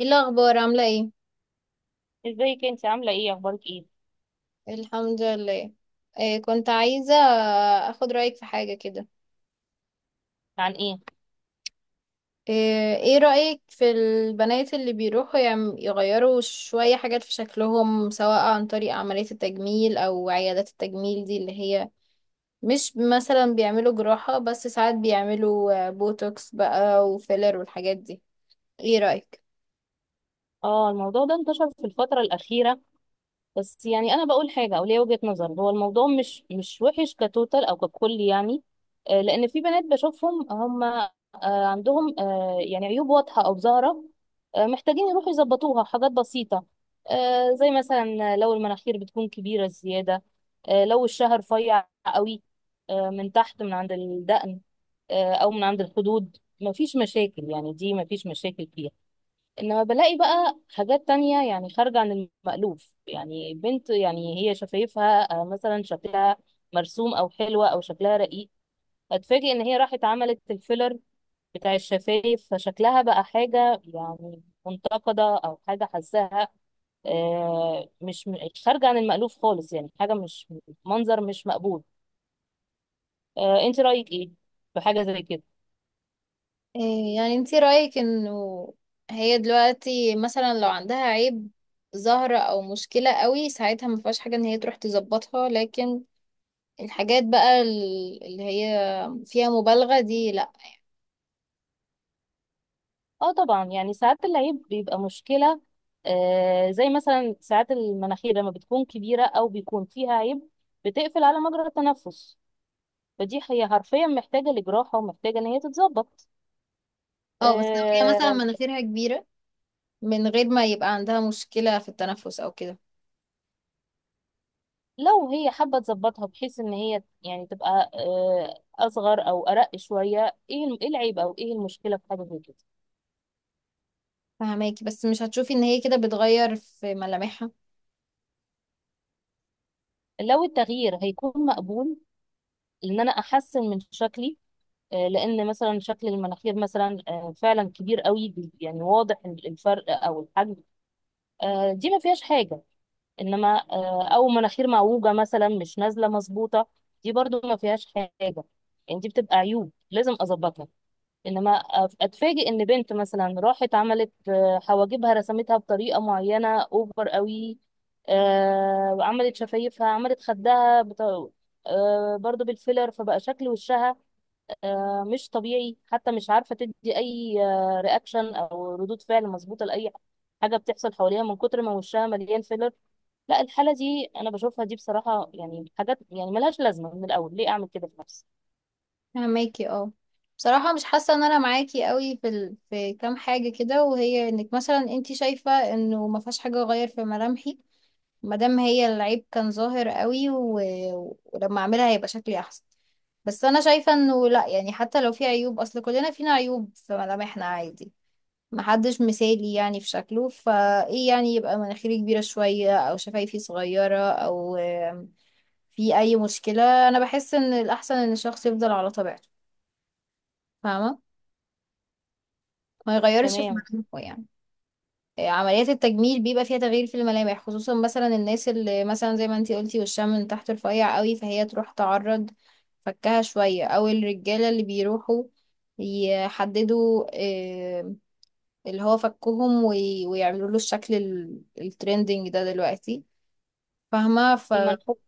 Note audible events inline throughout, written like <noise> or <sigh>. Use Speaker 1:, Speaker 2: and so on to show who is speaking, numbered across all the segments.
Speaker 1: ايه الاخبار؟ عامله ايه؟
Speaker 2: ازيك؟ انت عامله ايه؟ اخبارك ايه؟
Speaker 1: الحمد لله. إيه كنت عايزه اخد رايك في حاجه كده.
Speaker 2: عن ايه؟
Speaker 1: ايه رايك في البنات اللي بيروحوا يغيروا شويه حاجات في شكلهم، سواء عن طريق عمليه التجميل او عيادات التجميل دي، اللي هي مش مثلا بيعملوا جراحه، بس ساعات بيعملوا بوتوكس بقى وفيلر والحاجات دي. ايه رايك؟
Speaker 2: اه، الموضوع ده انتشر في الفتره الاخيره. بس يعني انا بقول حاجه او ليا وجهه نظر. هو الموضوع مش وحش كتوتال او ككل يعني. لان في بنات بشوفهم، هم عندهم يعني عيوب واضحه او ظاهره. محتاجين يروحوا يظبطوها حاجات بسيطه. زي مثلا لو المناخير بتكون كبيره زياده. لو الشهر رفيع قوي. من تحت من عند الدقن. او من عند الخدود، مفيش مشاكل، يعني دي مفيش مشاكل فيها. انما بلاقي بقى حاجات تانية يعني خارجة عن المألوف. يعني بنت يعني هي شفايفها مثلا شكلها مرسوم او حلوة او شكلها رقيق، هتفاجئ ان هي راحت عملت الفيلر بتاع الشفايف، فشكلها بقى حاجة يعني منتقدة او حاجة حاساها آه، مش م- خارجة عن المألوف خالص، يعني حاجة مش، منظر مش مقبول. انت رأيك ايه في حاجة زي كده؟
Speaker 1: إيه يعني انتي رأيك انه هي دلوقتي مثلا لو عندها عيب ظاهرة او مشكلة قوي، ساعتها ما فيهاش حاجة ان هي تروح تظبطها، لكن الحاجات بقى اللي هي فيها مبالغة دي لا.
Speaker 2: اه طبعا، يعني ساعات العيب بيبقى مشكلة. زي مثلا ساعات المناخير لما بتكون كبيرة أو بيكون فيها عيب بتقفل على مجرى التنفس. فدي هي حرفيا محتاجة لجراحة ومحتاجة إن هي تتظبط.
Speaker 1: اه، بس لو هي مثلا
Speaker 2: آه.
Speaker 1: مناخيرها كبيرة من غير ما يبقى عندها مشكلة في التنفس او كده؟
Speaker 2: لو هي حابة تظبطها بحيث إن هي يعني تبقى أصغر أو أرق شوية، إيه العيب أو إيه المشكلة في حاجة زي كده؟
Speaker 1: فهماكي، بس مش هتشوفي ان هي كده بتغير في ملامحها؟
Speaker 2: لو التغيير هيكون مقبول إن أنا أحسن من شكلي، لان مثلا شكل المناخير مثلا فعلا كبير قوي، يعني واضح الفرق او الحجم، دي ما فيهاش حاجه. انما او مناخير معوجه مثلا مش نازله مظبوطه، دي برضو ما فيهاش حاجه. يعني دي بتبقى عيوب لازم اظبطها. انما اتفاجئ ان بنت مثلا راحت عملت حواجبها رسمتها بطريقه معينه اوفر قوي، وعملت شفايفها، عملت خدها برضو بالفيلر، فبقى شكل وشها مش طبيعي، حتى مش عارفة تدي أي رياكشن أو ردود فعل مظبوطة لأي حاجة بتحصل حواليها من كتر ما وشها مليان فيلر. لا، الحالة دي أنا بشوفها دي بصراحة، يعني حاجات يعني ملهاش لازمة من الأول. ليه أعمل كده في نفسي؟
Speaker 1: فهماكي. اه، بصراحة مش حاسة ان انا معاكي قوي في ال... في كام حاجة كده، وهي انك مثلا انتي شايفة انه ما فيهاش حاجة اغير في ملامحي مادام هي العيب كان ظاهر قوي، و... ولما اعملها هيبقى شكلي احسن. بس انا شايفة انه لا، يعني حتى لو في عيوب، اصل كلنا فينا عيوب في ملامحنا عادي، محدش مثالي يعني في شكله. فايه يعني يبقى مناخيري كبيرة شوية او شفايفي صغيرة او في اي مشكلة؟ انا بحس ان الاحسن ان الشخص يفضل على طبيعته، فاهمة؟ ما يغيرش في
Speaker 2: تمام.
Speaker 1: ملامحه يعني. عمليات التجميل بيبقى فيها تغيير في الملامح، خصوصا مثلا الناس اللي مثلا زي ما انتي قلتي وشها من تحت رفيع قوي، فهي تروح تعرض فكها شوية، او الرجالة اللي بيروحوا يحددوا آه، اللي هو فكهم ويعملوا له الشكل الترندنج ده دلوقتي، فاهمة؟ ف
Speaker 2: المنحوت،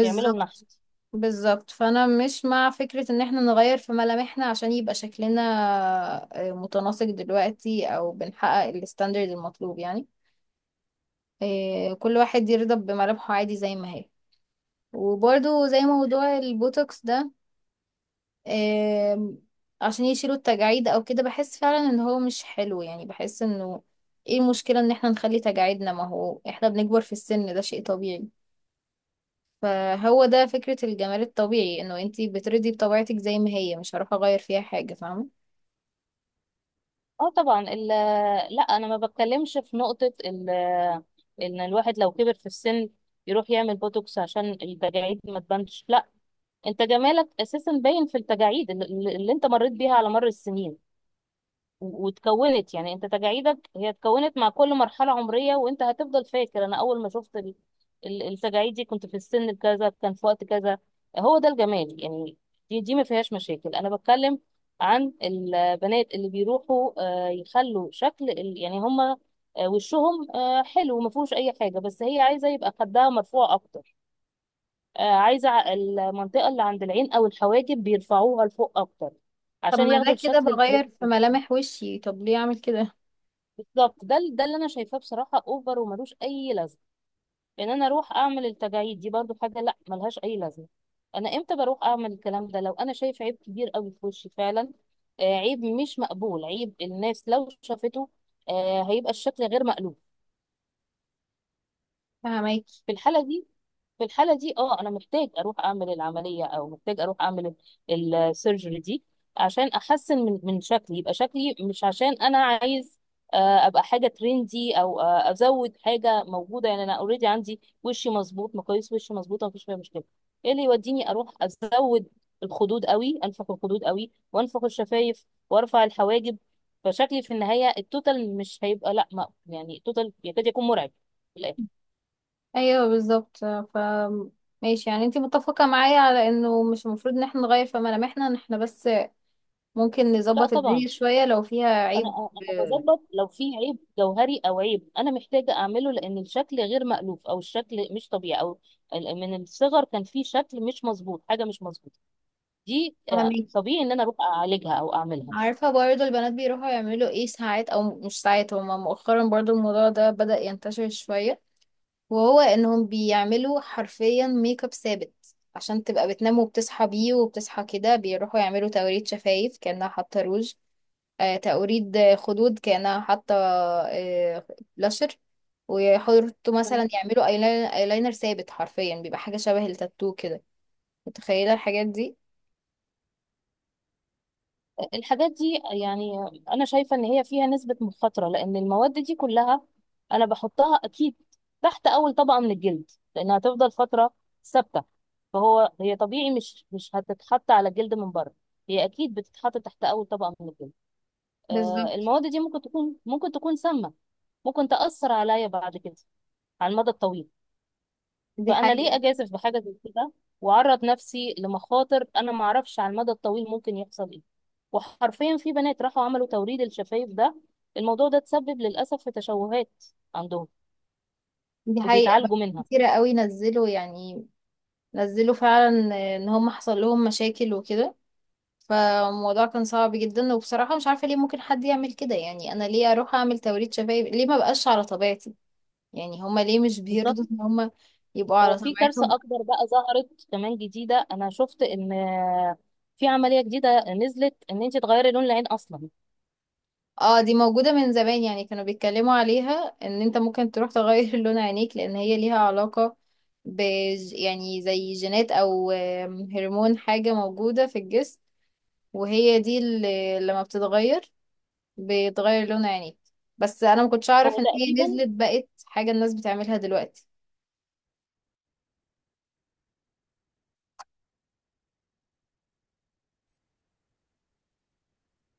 Speaker 2: بيعملوا النحت.
Speaker 1: بالظبط، فانا مش مع فكرة ان احنا نغير في ملامحنا عشان يبقى شكلنا متناسق دلوقتي او بنحقق الستاندرد المطلوب يعني. كل واحد يرضى بملامحه عادي زي ما هي. وبرضو زي موضوع البوتوكس ده، آم، عشان يشيلوا التجاعيد او كده، بحس فعلا ان هو مش حلو يعني. بحس انه ايه المشكلة ان احنا نخلي تجاعيدنا؟ ما هو احنا بنكبر في السن، ده شيء طبيعي. فهو ده فكرة الجمال الطبيعي، انه انتي بترضي بطبيعتك زي ما هي، مش هروح اغير فيها حاجة، فاهمة؟
Speaker 2: اه طبعا، لا، أنا ما بتكلمش في نقطة إن الواحد لو كبر في السن يروح يعمل بوتوكس عشان التجاعيد ما تبانش، لا. انت جمالك اساسا باين في التجاعيد اللي انت مريت بيها على مر السنين، واتكونت، يعني انت تجاعيدك هي اتكونت مع كل مرحلة عمرية، وانت هتفضل فاكر انا اول ما شفت التجاعيد دي كنت في السن كذا، كان في وقت كذا. هو ده الجمال يعني. دي ما فيهاش مشاكل. انا بتكلم عن البنات اللي بيروحوا يخلوا شكل يعني هما وشهم حلو، ما فيهوش اي حاجة، بس هي عايزة يبقى خدها مرفوع اكتر، عايزة المنطقة اللي عند العين او الحواجب بيرفعوها لفوق اكتر
Speaker 1: طب
Speaker 2: عشان
Speaker 1: ما
Speaker 2: ياخدوا
Speaker 1: ده كده
Speaker 2: الشكل الكريم.
Speaker 1: بغير في ملامح وشي، طب ليه اعمل كده؟
Speaker 2: بالظبط، ده اللي انا شايفاه، بصراحه اوفر وملوش اي لازمه، لان انا اروح اعمل التجاعيد دي برضو حاجه لا، ملهاش اي لازمه. انا امتى بروح اعمل الكلام ده؟ لو انا شايف عيب كبير قوي في وشي فعلا، آه عيب مش مقبول، عيب الناس لو شافته، آه هيبقى الشكل غير مألوف.
Speaker 1: فهماكي.
Speaker 2: في الحاله دي، في الحالة دي اه انا محتاج اروح اعمل العملية، او محتاج اروح اعمل السيرجري دي عشان احسن من شكلي، يبقى شكلي، مش عشان انا عايز ابقى حاجة ترندي، او ازود حاجة موجودة. يعني انا اوريدي عندي وشي مظبوط، مقاييس وشي مظبوطة، مفيش فيها مشكلة. ايه اللي يوديني اروح ازود الخدود قوي، انفخ الخدود قوي، وانفخ الشفايف، وارفع الحواجب؟ فشكلي في النهاية التوتال مش هيبقى، لا، ما يعني التوتال يكاد يكون مرعب في الآخر.
Speaker 1: ايوه بالظبط. ف ماشي، يعني انتي متفقة معايا على انه مش المفروض ان احنا نغير في ملامحنا، ان احنا بس ممكن
Speaker 2: لا
Speaker 1: نظبط
Speaker 2: طبعا،
Speaker 1: الدنيا شوية لو فيها
Speaker 2: انا
Speaker 1: عيب.
Speaker 2: انا
Speaker 1: آه،
Speaker 2: بظبط لو في عيب جوهري، او عيب انا محتاجه اعمله لان الشكل غير مألوف او الشكل مش طبيعي، او من الصغر كان في شكل مش مظبوط، حاجه مش مظبوطه، دي
Speaker 1: فهماكي.
Speaker 2: طبيعي ان انا اروح اعالجها او اعملها.
Speaker 1: عارفة برضه البنات بيروحوا يعملوا ايه ساعات، او مش ساعات، هما مؤخرا برضه الموضوع ده بدأ ينتشر شوية، وهو انهم بيعملوا حرفيا ميك اب ثابت عشان تبقى بتنام وبتصحى بيه، وبتصحى كده. بيروحوا يعملوا توريد شفايف كأنها حاطة روج. آه، توريد خدود كأنها حاطة آه بلاشر. ويحطوا مثلا،
Speaker 2: تمام.
Speaker 1: يعملوا ايلاينر ثابت، حرفيا بيبقى حاجة شبه التاتو كده. متخيلة الحاجات دي؟
Speaker 2: الحاجات دي يعني انا شايفه ان هي فيها نسبه مخاطره، لان المواد دي كلها انا بحطها اكيد تحت اول طبقه من الجلد، لانها هتفضل فتره ثابته. فهو هي طبيعي، مش هتتحط على الجلد من بره، هي اكيد بتتحط تحت اول طبقه من الجلد.
Speaker 1: بالظبط.
Speaker 2: المواد دي ممكن تكون، سامة، ممكن تأثر عليا بعد كده على المدى الطويل.
Speaker 1: دي
Speaker 2: فأنا ليه
Speaker 1: حقيقة.
Speaker 2: أجازف بحاجة زي كده وأعرض نفسي لمخاطر أنا معرفش على المدى الطويل ممكن يحصل إيه؟ وحرفيا في بنات راحوا عملوا توريد الشفايف ده، الموضوع ده تسبب للأسف في تشوهات عندهم
Speaker 1: دي حقيقة بقى.
Speaker 2: وبيتعالجوا منها.
Speaker 1: كتيرة قوي نزلوا يعني، نزلوا فعلا ان هم حصل لهم مشاكل وكده. فالموضوع كان صعب جدا، وبصراحة مش عارفة ليه ممكن حد يعمل كده يعني. أنا ليه أروح أعمل توريد شفايف؟ ليه ما بقاش على طبيعتي؟ يعني هما ليه مش بيرضوا
Speaker 2: بالظبط.
Speaker 1: إن هما يبقوا
Speaker 2: هو
Speaker 1: على
Speaker 2: في كارثة
Speaker 1: طبيعتهم؟
Speaker 2: أكبر بقى ظهرت كمان جديدة، أنا شفت إن في عملية جديدة نزلت إن أنت تغيري لون العين أصلا.
Speaker 1: اه، دي موجودة من زمان، يعني كانوا بيتكلموا عليها، إن أنت ممكن تروح تغير <laughs> لون عينيك، لأن هي ليها علاقة ب يعني زي جينات أو هرمون، حاجة موجودة في الجسم، وهي دي اللي لما بتتغير بتغير لون عينيك. بس أنا ما كنتش أعرف
Speaker 2: هو
Speaker 1: إن هي
Speaker 2: تقريبا
Speaker 1: نزلت بقت حاجة الناس بتعملها دلوقتي.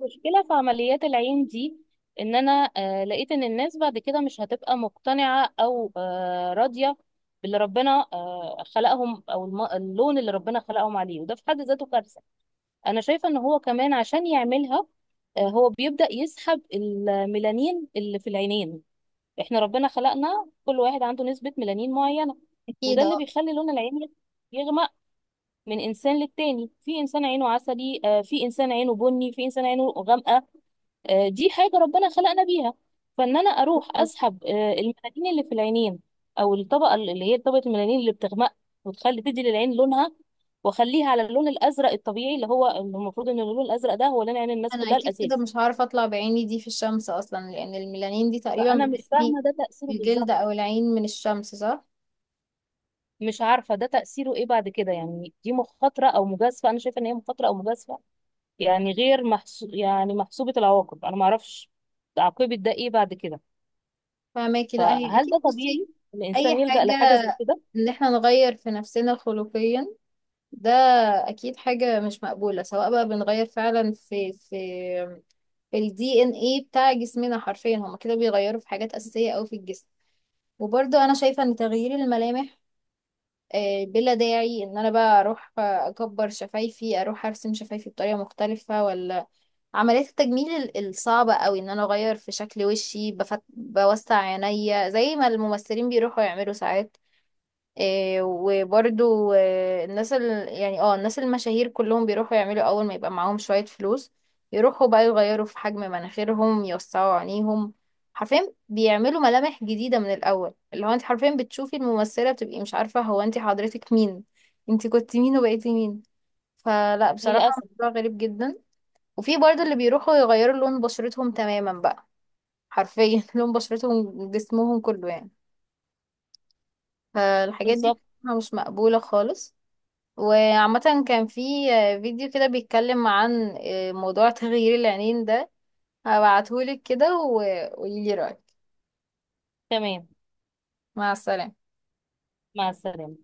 Speaker 2: مشكلة في عمليات العين دي، ان انا لقيت ان الناس بعد كده مش هتبقى مقتنعة، او راضية باللي ربنا خلقهم، او اللون اللي ربنا خلقهم عليه، وده في حد ذاته كارثة. انا شايفة ان هو كمان عشان يعملها هو بيبدأ يسحب الميلانين اللي في العينين. احنا ربنا خلقنا كل واحد عنده نسبة ميلانين معينة،
Speaker 1: اكيد
Speaker 2: وده اللي
Speaker 1: اه.
Speaker 2: بيخلي لون العين يغمق من انسان للتاني، في انسان عينه عسلي، في انسان عينه بني، في انسان عينه غامقة. دي حاجة ربنا خلقنا بيها. فإن أنا أروح أسحب الميلانين اللي في العينين، أو الطبقة اللي هي طبقة الميلانين اللي بتغمق وتخلي، تدي للعين لونها، وأخليها على اللون الأزرق الطبيعي اللي هو اللي المفروض إن اللون الأزرق ده هو لون عين الناس
Speaker 1: انا
Speaker 2: كلها
Speaker 1: اكيد كده
Speaker 2: الأساسي.
Speaker 1: مش هعرف اطلع بعيني دي في الشمس اصلا، لان الميلانين دي تقريبا
Speaker 2: فأنا مش
Speaker 1: بتحمي
Speaker 2: فاهمة ده تأثيره
Speaker 1: الجلد او
Speaker 2: بالظبط.
Speaker 1: العين من الشمس، صح؟
Speaker 2: مش عارفة ده تأثيره إيه بعد كده، يعني دي مخاطرة أو مجازفة، أنا شايفة إن هي مخاطرة أو مجازفة، يعني غير محسو... يعني محسوبة العواقب، أنا معرفش عاقبة ده إيه بعد كده.
Speaker 1: فماكي. لا هي
Speaker 2: فهل ده
Speaker 1: اكيد، بصي،
Speaker 2: طبيعي
Speaker 1: اي
Speaker 2: الإنسان يلجأ
Speaker 1: حاجة
Speaker 2: لحاجة زي كده؟
Speaker 1: ان احنا نغير في نفسنا خلقيا ده اكيد حاجة مش مقبولة، سواء بقى بنغير فعلا في في الدي ان ايه بتاع جسمنا، حرفيا هما كده بيغيروا في حاجات اساسية او في الجسم. وبرضه انا شايفة ان تغيير الملامح بلا داعي، ان انا بقى اروح اكبر شفايفي، اروح ارسم شفايفي بطريقه مختلفه، ولا عمليات التجميل الصعبه قوي ان انا اغير في شكل وشي بفت... بوسع عينيا زي ما الممثلين بيروحوا يعملوا ساعات. إيه وبرضو إيه الناس ال... يعني اه، الناس المشاهير كلهم بيروحوا يعملوا اول ما يبقى معاهم شوية فلوس، يروحوا بقى يغيروا في حجم مناخيرهم، يوسعوا عينيهم، حرفيا بيعملوا ملامح جديدة من الأول، اللي هو انت حرفيا بتشوفي الممثلة بتبقي مش عارفة هو انت حضرتك مين، انت كنت مين وبقيتي مين. فلا، بصراحة
Speaker 2: للأسف.
Speaker 1: الموضوع غريب جدا. وفي برضو اللي بيروحوا يغيروا لون بشرتهم تماما بقى، حرفيا <laughs> لون بشرتهم، جسمهم كله يعني. فالحاجات دي
Speaker 2: بالظبط.
Speaker 1: بصراحة مش مقبولة خالص. وعامة كان في فيديو كده بيتكلم عن موضوع تغيير العينين ده، هبعتهولك كده وقوليلي رأيك.
Speaker 2: تمام.
Speaker 1: مع السلامة.
Speaker 2: مع السلامة.